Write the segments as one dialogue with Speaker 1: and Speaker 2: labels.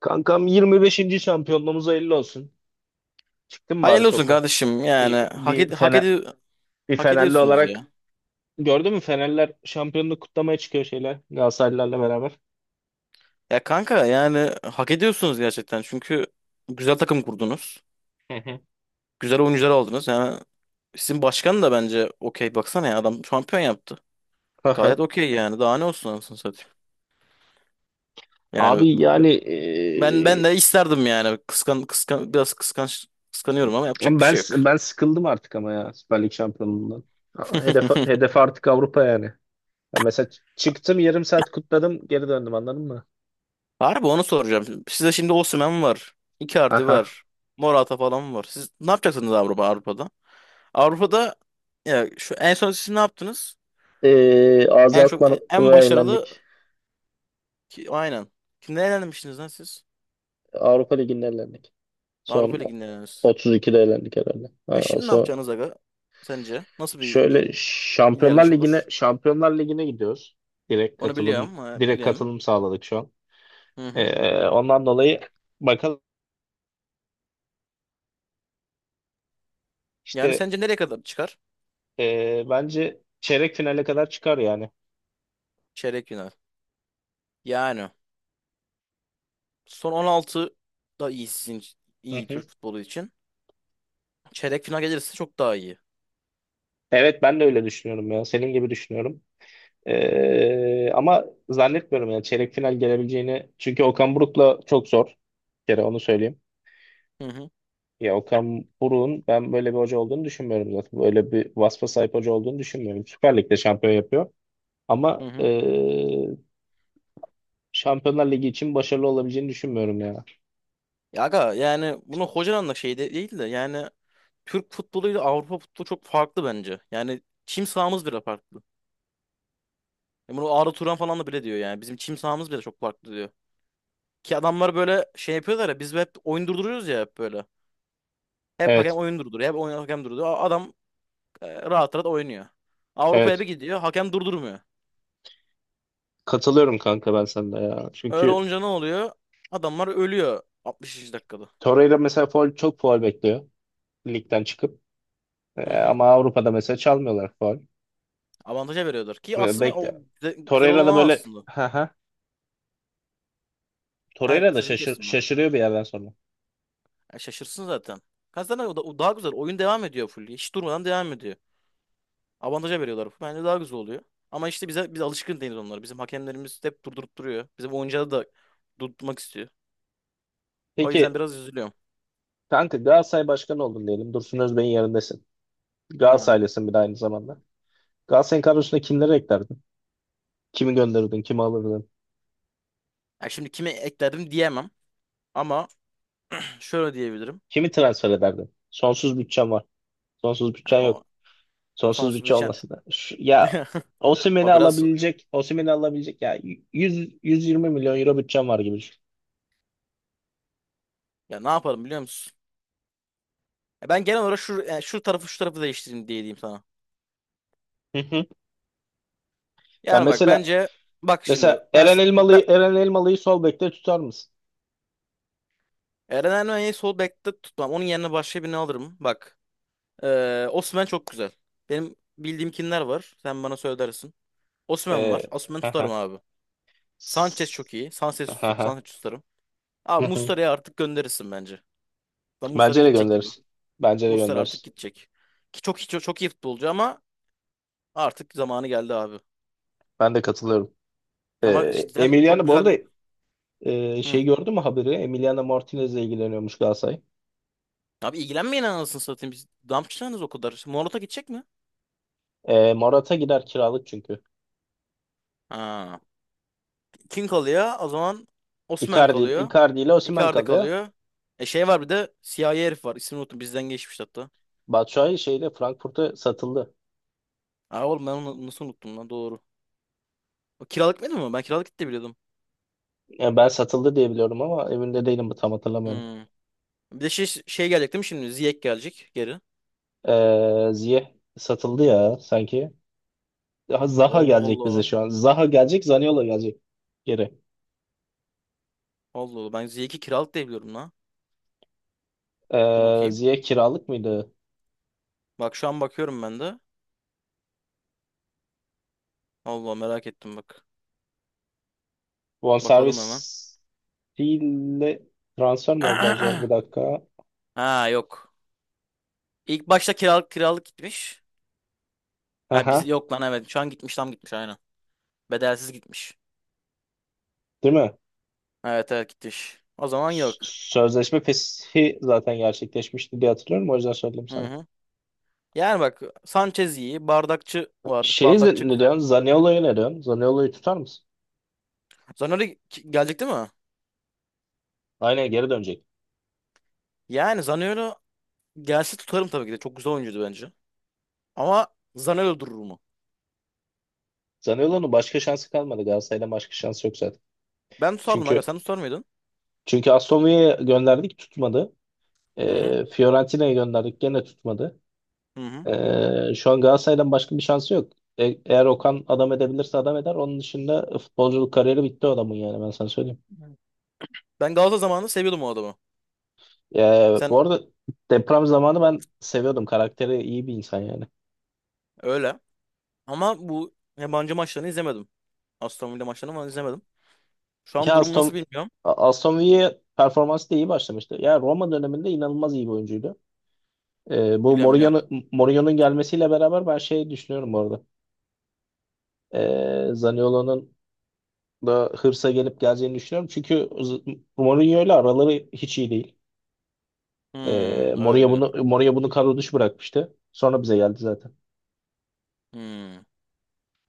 Speaker 1: Kankam 25. şampiyonluğumuz hayırlı olsun. Çıktın bari
Speaker 2: Hayırlı olsun
Speaker 1: sokağa?
Speaker 2: kardeşim yani
Speaker 1: Bir, bir, Fener, bir
Speaker 2: hak
Speaker 1: Fenerli
Speaker 2: ediyorsunuz ya.
Speaker 1: olarak gördün mü Fenerler şampiyonluğu kutlamaya çıkıyor şeyler Galatasaraylılarla beraber.
Speaker 2: Ya kanka yani hak ediyorsunuz gerçekten çünkü güzel takım kurdunuz.
Speaker 1: Hı hı.
Speaker 2: Güzel oyuncular aldınız. Yani sizin başkan da bence okey baksana ya adam şampiyon yaptı.
Speaker 1: Hı
Speaker 2: Gayet
Speaker 1: hı.
Speaker 2: okey yani daha ne olsun anasını satayım. Yani
Speaker 1: Abi yani
Speaker 2: ben de isterdim yani kıskan kıskan biraz kıskanç kıskanıyorum ama yapacak
Speaker 1: ben
Speaker 2: bir şey yok.
Speaker 1: ben sıkıldım artık ama ya Süper Lig şampiyonluğundan. Hedef, hedef artık Avrupa yani. Ya mesela çıktım yarım saat kutladım geri döndüm anladın mı?
Speaker 2: Harbi onu soracağım. Size şimdi Osimhen var. Icardi
Speaker 1: Aha.
Speaker 2: var. Morata falan var. Siz ne yapacaksınız Avrupa'da? Avrupa'da ya şu en son siz ne yaptınız?
Speaker 1: Ağzı
Speaker 2: En çok en
Speaker 1: Akman'a
Speaker 2: başarılı
Speaker 1: eğlendik.
Speaker 2: ki aynen. Kimden elenmiştiniz lan siz?
Speaker 1: Avrupa Ligi'nde eğlendik. Son
Speaker 2: Avrupa Ligi'nden elendiniz.
Speaker 1: 32'de elendik herhalde.
Speaker 2: E
Speaker 1: Ha,
Speaker 2: şimdi ne yapacaksınız aga? Sence nasıl bir
Speaker 1: şöyle Şampiyonlar
Speaker 2: ilerleyiş
Speaker 1: Ligi'ne
Speaker 2: olur?
Speaker 1: Şampiyonlar Ligi'ne gidiyoruz. Direkt
Speaker 2: Onu
Speaker 1: katılım
Speaker 2: biliyorum,
Speaker 1: direkt
Speaker 2: biliyorum.
Speaker 1: katılım sağladık şu an.
Speaker 2: Hı hı.
Speaker 1: Ondan dolayı bak
Speaker 2: Yani
Speaker 1: işte
Speaker 2: sence nereye kadar çıkar?
Speaker 1: bence çeyrek finale kadar çıkar yani.
Speaker 2: Çeyrek final. Yani son 16 da iyi
Speaker 1: Hı
Speaker 2: iyi
Speaker 1: hı.
Speaker 2: Türk futbolu için. Çeyrek final gelirse çok daha iyi.
Speaker 1: Evet ben de öyle düşünüyorum ya. Senin gibi düşünüyorum. Ama zannetmiyorum yani çeyrek final gelebileceğini. Çünkü Okan Buruk'la çok zor. Bir kere onu söyleyeyim.
Speaker 2: Hı hı.
Speaker 1: Ya Okan Buruk'un ben böyle bir hoca olduğunu düşünmüyorum zaten. Böyle bir vasfa sahip hoca olduğunu düşünmüyorum. Süper Lig'de şampiyon yapıyor. Ama
Speaker 2: Hı hı.
Speaker 1: Şampiyonlar Ligi için başarılı olabileceğini düşünmüyorum ya.
Speaker 2: Ya aga yani bunu hocanın da şey değil de yani Türk futboluyla Avrupa futbolu çok farklı bence. Yani çim sahamız bile farklı. Ya bunu Arda Turan falan da bile diyor yani. Bizim çim sahamız bile çok farklı diyor. Ki adamlar böyle şey yapıyorlar ya biz hep oyun durduruyoruz ya hep böyle. Hep hakem
Speaker 1: Evet,
Speaker 2: oyun durduruyor. Hep oyun hakem durduruyor. Adam rahat rahat oynuyor. Avrupa'ya
Speaker 1: evet.
Speaker 2: bir gidiyor hakem durdurmuyor.
Speaker 1: Katılıyorum kanka ben sana ya.
Speaker 2: Öyle
Speaker 1: Çünkü
Speaker 2: olunca ne oluyor? Adamlar ölüyor 60. dakikada.
Speaker 1: Torreira mesela faul, çok faul bekliyor ligden çıkıp.
Speaker 2: Hı hı.
Speaker 1: Ama Avrupa'da mesela çalmıyorlar faul.
Speaker 2: Avantaja veriyorlar. Ki
Speaker 1: Ve
Speaker 2: aslında o
Speaker 1: bekle.
Speaker 2: güzel, güzel
Speaker 1: Torreira
Speaker 2: olan
Speaker 1: da
Speaker 2: o
Speaker 1: böyle
Speaker 2: aslında.
Speaker 1: ha ha.
Speaker 2: Ha
Speaker 1: Torreira da
Speaker 2: sözünü
Speaker 1: şaşır,
Speaker 2: kestim ben.
Speaker 1: şaşırıyor bir yerden sonra.
Speaker 2: Ya şaşırsın zaten. Kazanır o da o daha güzel. Oyun devam ediyor full. Hiç durmadan devam ediyor. Avantaja veriyorlar. Bence daha güzel oluyor. Ama işte biz alışkın değiliz onlara. Bizim hakemlerimiz hep durdurup duruyor. Bizim oyuncuları da durdurmak istiyor. O yüzden
Speaker 1: Peki
Speaker 2: biraz üzülüyorum.
Speaker 1: kanka Galatasaray başkanı oldun diyelim. Dursun Özbey'in yerindesin.
Speaker 2: Ha.
Speaker 1: Galatasaraylısın bir de aynı zamanda. Galatasaray'ın kadrosuna kimleri eklerdin? Kimi gönderirdin? Kimi alırdın?
Speaker 2: Ya şimdi kimi ekledim diyemem ama şöyle diyebilirim.
Speaker 1: Kimi transfer ederdin? Sonsuz bütçen var. Sonsuz
Speaker 2: Ya
Speaker 1: bütçen
Speaker 2: o
Speaker 1: yok. Sonsuz
Speaker 2: sonsuz
Speaker 1: bütçe
Speaker 2: biçen
Speaker 1: olması da. Ya Osimhen'i
Speaker 2: o biraz
Speaker 1: alabilecek, Osimhen'i alabilecek ya 100 120 milyon euro bütçen var gibi düşün.
Speaker 2: ya ne yaparım biliyor musun? Ya ben genel olarak şu yani şu tarafı değiştireyim diye diyeyim sana.
Speaker 1: Hı hı. Ya
Speaker 2: Yani bak
Speaker 1: mesela
Speaker 2: bence bak şimdi
Speaker 1: mesela
Speaker 2: ben,
Speaker 1: Eren
Speaker 2: ben
Speaker 1: Elmalı'yı Eren Elmalı'yı sol bekte tutar mısın?
Speaker 2: Eren Ermeni'yi sol bekte tutmam. Onun yerine başka birini alırım. Bak. Osimhen çok güzel. Benim bildiğim kimler var? Sen bana söylersin. Osimhen
Speaker 1: Ee,
Speaker 2: var. Osimhen tutarım
Speaker 1: aha.
Speaker 2: abi. Sanchez
Speaker 1: S-
Speaker 2: çok iyi.
Speaker 1: aha.
Speaker 2: Sanchez tutarım.
Speaker 1: Hı
Speaker 2: Abi
Speaker 1: hı. Hı.
Speaker 2: Muslera'yı artık gönderirsin bence. Da Muslera
Speaker 1: Bence de
Speaker 2: gidecek gibi.
Speaker 1: gönderirsin. Bence de
Speaker 2: Muslera artık
Speaker 1: gönderirsin.
Speaker 2: gidecek. Ki çok iyi, çok, çok iyi futbolcu ama artık zamanı geldi abi.
Speaker 1: Ben de katılıyorum.
Speaker 2: Ama cidden çok
Speaker 1: Emiliano bu
Speaker 2: güzel
Speaker 1: arada
Speaker 2: bir... Hı.
Speaker 1: Şey gördün mü haberi? Emiliano Martinez'le ilgileniyormuş Galatasaray.
Speaker 2: Abi ilgilenmeyin anasını satayım. Biz Dampçı o kadar. Morata gidecek mi?
Speaker 1: Morata gider kiralık çünkü.
Speaker 2: Ha. Kim kalıyor? O zaman Osimhen
Speaker 1: Icardi,
Speaker 2: kalıyor.
Speaker 1: Icardi ile Osimhen
Speaker 2: Icardi
Speaker 1: kalıyor.
Speaker 2: kalıyor. E şey var bir de siyahi herif var. İsmini unuttum. Bizden geçmişti hatta.
Speaker 1: Batshuayi şeyle Frankfurt'a satıldı.
Speaker 2: Aa oğlum ben onu nasıl unuttum lan doğru. O kiralık mıydı? Ben kiralık gitti biliyordum.
Speaker 1: Yani ben satıldı diye biliyorum ama emin de değilim tam hatırlamıyorum.
Speaker 2: Hmm. Bir de şey gelecek değil mi şimdi? Ziyech gelecek geri.
Speaker 1: Ziyech satıldı ya sanki. Daha Zaha
Speaker 2: Allah
Speaker 1: gelecek
Speaker 2: Allah.
Speaker 1: bize şu an. Zaha gelecek, Zaniolo gelecek geri.
Speaker 2: Allah Allah. Ben Ziyech'i kiralık diye biliyorum lan. Dur bakayım.
Speaker 1: Ziyech kiralık mıydı?
Speaker 2: Bak şu an bakıyorum ben de. Allah merak ettim bak. Bakalım
Speaker 1: Bonservis
Speaker 2: hemen.
Speaker 1: ile transfer mi oldu acaba? Bir dakika.
Speaker 2: Ha yok. İlk başta kiralık gitmiş. Ha biz
Speaker 1: Aha,
Speaker 2: yok lan evet. Şu an gitmiş tam gitmiş aynen. Bedelsiz gitmiş.
Speaker 1: değil mi?
Speaker 2: Evet evet gitmiş. O zaman yok.
Speaker 1: Sözleşme feshi zaten gerçekleşmişti diye hatırlıyorum. O yüzden söyledim
Speaker 2: Hı
Speaker 1: sana.
Speaker 2: hı. Yani bak Sanchez iyi. Bardakçı var.
Speaker 1: Şey,
Speaker 2: Bardakçı
Speaker 1: ne
Speaker 2: güzel.
Speaker 1: diyorsun? Zaniolo'yu ne diyorsun? Zaniolo'yu tutar mısın?
Speaker 2: Zaniolo gelecek değil mi?
Speaker 1: Aynen geri dönecek.
Speaker 2: Yani Zaniolo gelse tutarım tabii ki de. Çok güzel oyuncuydu bence. Ama Zaniolo durur mu?
Speaker 1: Zaniolo'nun başka şansı kalmadı. Galatasaray'dan başka şansı yok zaten.
Speaker 2: Ben tutardım aga.
Speaker 1: Çünkü
Speaker 2: Sen tutar mıydın?
Speaker 1: çünkü Aston Villa'ya gönderdik tutmadı.
Speaker 2: Hı hı.
Speaker 1: Fiorentina'ya gönderdik gene tutmadı.
Speaker 2: Hı hı.
Speaker 1: Şu an Galatasaray'dan başka bir şansı yok. Eğer Okan adam edebilirse adam eder. Onun dışında futbolculuk kariyeri bitti o adamın yani ben sana söyleyeyim.
Speaker 2: Evet. Ben Galatasaray zamanında seviyordum o adamı. Sen
Speaker 1: Bu arada deprem zamanı ben seviyordum. Karakteri iyi bir insan yani.
Speaker 2: öyle. Ama bu yabancı maçlarını izlemedim. Aston Villa maçlarını falan izlemedim. Şu an
Speaker 1: Ya
Speaker 2: durumu nasıl
Speaker 1: Aston,
Speaker 2: bilmiyorum.
Speaker 1: Aston Villa performansı da iyi başlamıştı. Ya Roma döneminde inanılmaz iyi bir oyuncuydu. Bu
Speaker 2: Biliyorum biliyorum.
Speaker 1: Mourinho'nun gelmesiyle beraber ben şey düşünüyorum bu arada. Zaniolo'nun da hırsa gelip geleceğini düşünüyorum. Çünkü Mourinho ile araları hiç iyi değil.
Speaker 2: Hmm, öyle
Speaker 1: Mourinho
Speaker 2: diyor.
Speaker 1: bunu, Mourinho bunu kadro dışı bırakmıştı. Sonra bize geldi zaten.
Speaker 2: Hmm.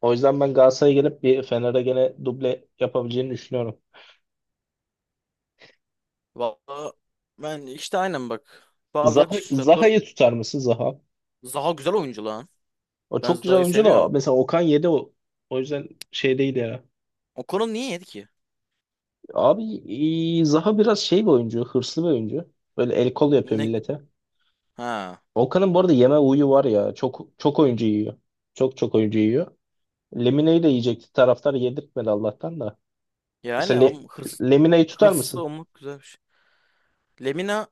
Speaker 1: O yüzden ben Galatasaray'a gelip bir Fener'e gene duble yapabileceğini düşünüyorum.
Speaker 2: Valla ben işte aynen bak.
Speaker 1: Zaha,
Speaker 2: Bardakçı tutar.
Speaker 1: Zaha'yı tutar mısın Zaha?
Speaker 2: Zaha güzel oyuncu lan.
Speaker 1: O
Speaker 2: Ben
Speaker 1: çok güzel
Speaker 2: Zara'yı
Speaker 1: oyuncu da
Speaker 2: seviyorum.
Speaker 1: mesela Okan yedi o. O yüzden şey değil ya.
Speaker 2: O konu niye yedi ki?
Speaker 1: Abi Zaha biraz şey bir oyuncu, hırslı bir oyuncu. Böyle el kol yapıyor
Speaker 2: Ne?
Speaker 1: millete.
Speaker 2: Ha.
Speaker 1: Okan'ın bu arada yeme huyu var ya. Çok çok oyuncu yiyor. Çok çok oyuncu yiyor. Lemine'yi de yiyecekti. Taraftar yedirtmedi Allah'tan da.
Speaker 2: Yani
Speaker 1: Mesela
Speaker 2: ama
Speaker 1: Lemine'yi tutar
Speaker 2: hırslı
Speaker 1: mısın?
Speaker 2: olmak güzel bir şey. Lemina,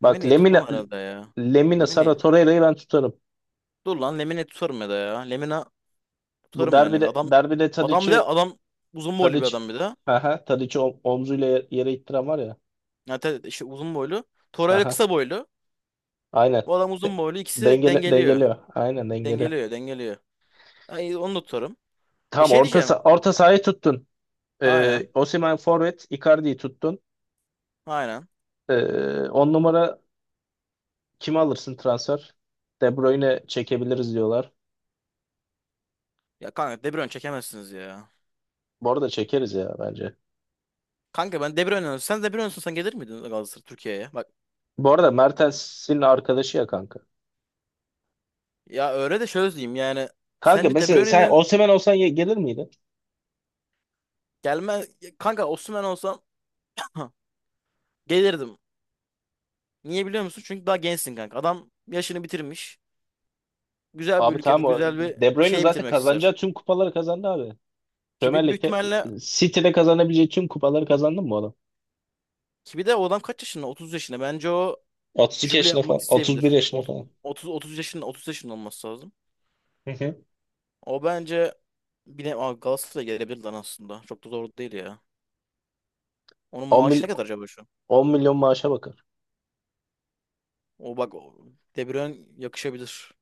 Speaker 1: Bak
Speaker 2: Lemina'yı tutmam
Speaker 1: Lemine
Speaker 2: herhalde ya.
Speaker 1: Lemine Sara
Speaker 2: Lemina'yı.
Speaker 1: Torreira'yı ben tutarım.
Speaker 2: Dur lan Lemina'yı tutarım ya da ya. Lemina
Speaker 1: Bu
Speaker 2: tutarım ben Lemina.
Speaker 1: derbide
Speaker 2: Adam,
Speaker 1: derbide
Speaker 2: adam bir de
Speaker 1: Tadic'i
Speaker 2: adam uzun boylu bir
Speaker 1: Tadic
Speaker 2: adam bir de.
Speaker 1: Aha, Tadic'i omzuyla yere ittiren var ya.
Speaker 2: Yani işte uzun boylu. Torayla
Speaker 1: Aha.
Speaker 2: kısa boylu.
Speaker 1: Aynen.
Speaker 2: Bu adam
Speaker 1: De-
Speaker 2: uzun boylu. İkisi dengeliyor.
Speaker 1: Dengeliyor. Aynen dengeliyor.
Speaker 2: Dengeliyor, dengeliyor. Ay, onu da tutarım. E
Speaker 1: Tamam
Speaker 2: şey diyeceğim.
Speaker 1: orta sahayı tuttun.
Speaker 2: Aynen.
Speaker 1: Osimhen forvet, Icardi'yi tuttun.
Speaker 2: Aynen.
Speaker 1: Ee, On numara kimi alırsın transfer? De Bruyne çekebiliriz diyorlar.
Speaker 2: Ya kanka De Bruyne çekemezsiniz ya.
Speaker 1: Bu arada çekeriz ya bence.
Speaker 2: Kanka ben De Bruyne olsam- Sen De Bruyne olsan gelir miydin Galatasaray Türkiye'ye? Bak
Speaker 1: Bu arada Mertens'in arkadaşı ya kanka.
Speaker 2: ya öyle de şöyle diyeyim yani.
Speaker 1: Kanka
Speaker 2: Sence De
Speaker 1: mesela sen
Speaker 2: Bruyne'nin
Speaker 1: Osimhen olsan gelir miydin?
Speaker 2: gelme... Kanka Osimhen olsam gelirdim. Niye biliyor musun? Çünkü daha gençsin kanka. Adam yaşını bitirmiş. Güzel bir
Speaker 1: Abi
Speaker 2: ülkede
Speaker 1: tamam o
Speaker 2: güzel bir
Speaker 1: De Bruyne
Speaker 2: şey
Speaker 1: zaten
Speaker 2: bitirmek
Speaker 1: kazanacağı
Speaker 2: ister.
Speaker 1: tüm kupaları kazandı abi.
Speaker 2: Ki
Speaker 1: Premier
Speaker 2: büyük
Speaker 1: Lig'de
Speaker 2: ihtimalle.
Speaker 1: City'de kazanabileceği tüm kupaları kazandı mı bu adam?
Speaker 2: Ki bir de o adam kaç yaşında? 30 yaşında. Bence o
Speaker 1: 32
Speaker 2: jübile
Speaker 1: yaşında
Speaker 2: yapmak
Speaker 1: falan, 31
Speaker 2: isteyebilir.
Speaker 1: yaşında
Speaker 2: Ot-
Speaker 1: falan.
Speaker 2: 30 30 yaşında 30 yaşında olması lazım. O bence bile Aa, Galatasaray'a gelebilir lan aslında. Çok da zor değil ya. Onun
Speaker 1: 10, mil-
Speaker 2: maaşı ne kadar acaba şu an?
Speaker 1: 10 milyon maaşa bakar.
Speaker 2: O bak o De Bruyne yakışabilir.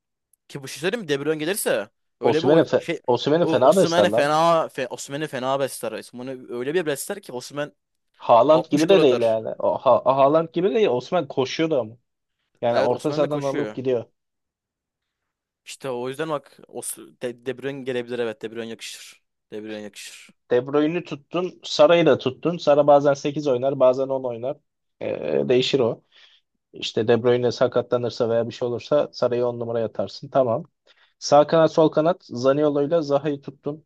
Speaker 2: Ki bu şey söyleyeyim mi? De Bruyne gelirse öyle bir
Speaker 1: Osimhen'e fe, Osimhen'i fena besler lan.
Speaker 2: Osimhen'i fena besler. Osimhen'i öyle bir besler ki Osimhen
Speaker 1: Haaland
Speaker 2: 60
Speaker 1: gibi
Speaker 2: gol
Speaker 1: de değil
Speaker 2: atar.
Speaker 1: yani. O, ha, Haaland gibi değil. Osimhen koşuyordu ama. Yani
Speaker 2: Evet
Speaker 1: orta
Speaker 2: Osimhen de
Speaker 1: sahadan alıp
Speaker 2: koşuyor.
Speaker 1: gidiyor.
Speaker 2: İşte o yüzden bak De Bruyne gelebilir evet De Bruyne yakışır. De Bruyne yakışır.
Speaker 1: De Bruyne'i tuttun. Sara'yı da tuttun. Sara bazen 8 oynar bazen 10 oynar. Değişir o. İşte De Bruyne sakatlanırsa veya bir şey olursa Sara'yı 10 numaraya atarsın. Tamam. Sağ kanat sol kanat Zaniolo'yla Zaha'yı tuttun.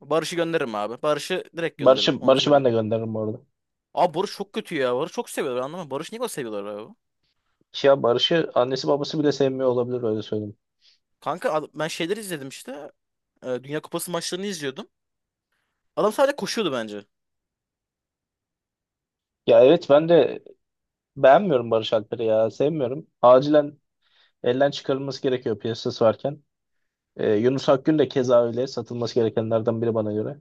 Speaker 2: Barış'ı gönderirim abi. Barış'ı direkt gönderirim
Speaker 1: Barış'ı
Speaker 2: onu
Speaker 1: Barış'ı ben
Speaker 2: söyleyeyim.
Speaker 1: de gönderirim bu arada.
Speaker 2: Abi Barış çok kötü ya. Barış çok seviyorlar anlamam. Barış niye o seviyorlar abi?
Speaker 1: Ya Barış'ı annesi babası bile sevmiyor olabilir öyle söyleyeyim.
Speaker 2: Kanka ben şeyleri izledim işte. Dünya Kupası maçlarını izliyordum. Adam sadece koşuyordu bence.
Speaker 1: Ya evet ben de beğenmiyorum Barış Alper'i ya. Sevmiyorum. Acilen elden çıkarılması gerekiyor piyasası varken. Yunus Akgün de keza öyle. Satılması gerekenlerden biri bana göre.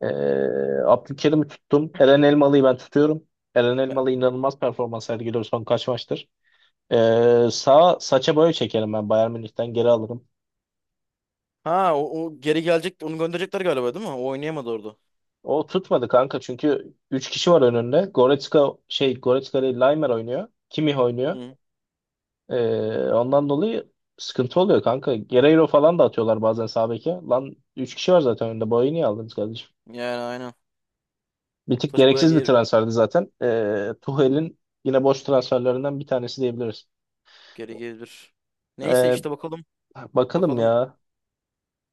Speaker 1: Ee, Abdülkerim'i tuttum. Eren Elmalı'yı ben tutuyorum. Eren Elmalı inanılmaz performans sergiliyor son kaç maçtır. Sağ saça boya çekerim ben Bayern Münih'ten geri alırım.
Speaker 2: Ha o geri gelecek onu gönderecekler galiba değil mi? O oynayamadı orada.
Speaker 1: O tutmadı kanka çünkü 3 kişi var önünde. Goretzka şey, Goretzka değil, Laimer oynuyor. Kimmich oynuyor.
Speaker 2: Hı.
Speaker 1: Ondan dolayı sıkıntı oluyor kanka. Guerreiro falan da atıyorlar bazen sağ beke. Lan 3 kişi var zaten önünde. Boyu niye aldınız kardeşim?
Speaker 2: Yani aynen.
Speaker 1: Bir tık
Speaker 2: Saça boya
Speaker 1: gereksiz bir
Speaker 2: geri,
Speaker 1: transferdi zaten. Tuchel'in yine boş transferlerinden bir tanesi diyebiliriz.
Speaker 2: geri gelir. Neyse
Speaker 1: Ee,
Speaker 2: işte bakalım.
Speaker 1: Bakalım
Speaker 2: Bakalım
Speaker 1: ya.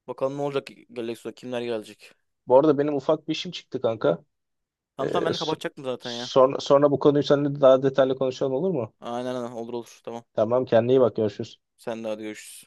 Speaker 2: bakalım ne olacak Galaxy'da kimler gelecek.
Speaker 1: Bu arada benim ufak bir işim çıktı kanka. Ee,
Speaker 2: Tamam tamam ben de
Speaker 1: so-
Speaker 2: kapatacaktım zaten ya.
Speaker 1: sonra bu konuyu seninle daha detaylı konuşalım olur mu?
Speaker 2: Aynen aynen olur olur tamam.
Speaker 1: Tamam kendine iyi bak görüşürüz.
Speaker 2: Sen de hadi görüşürüz.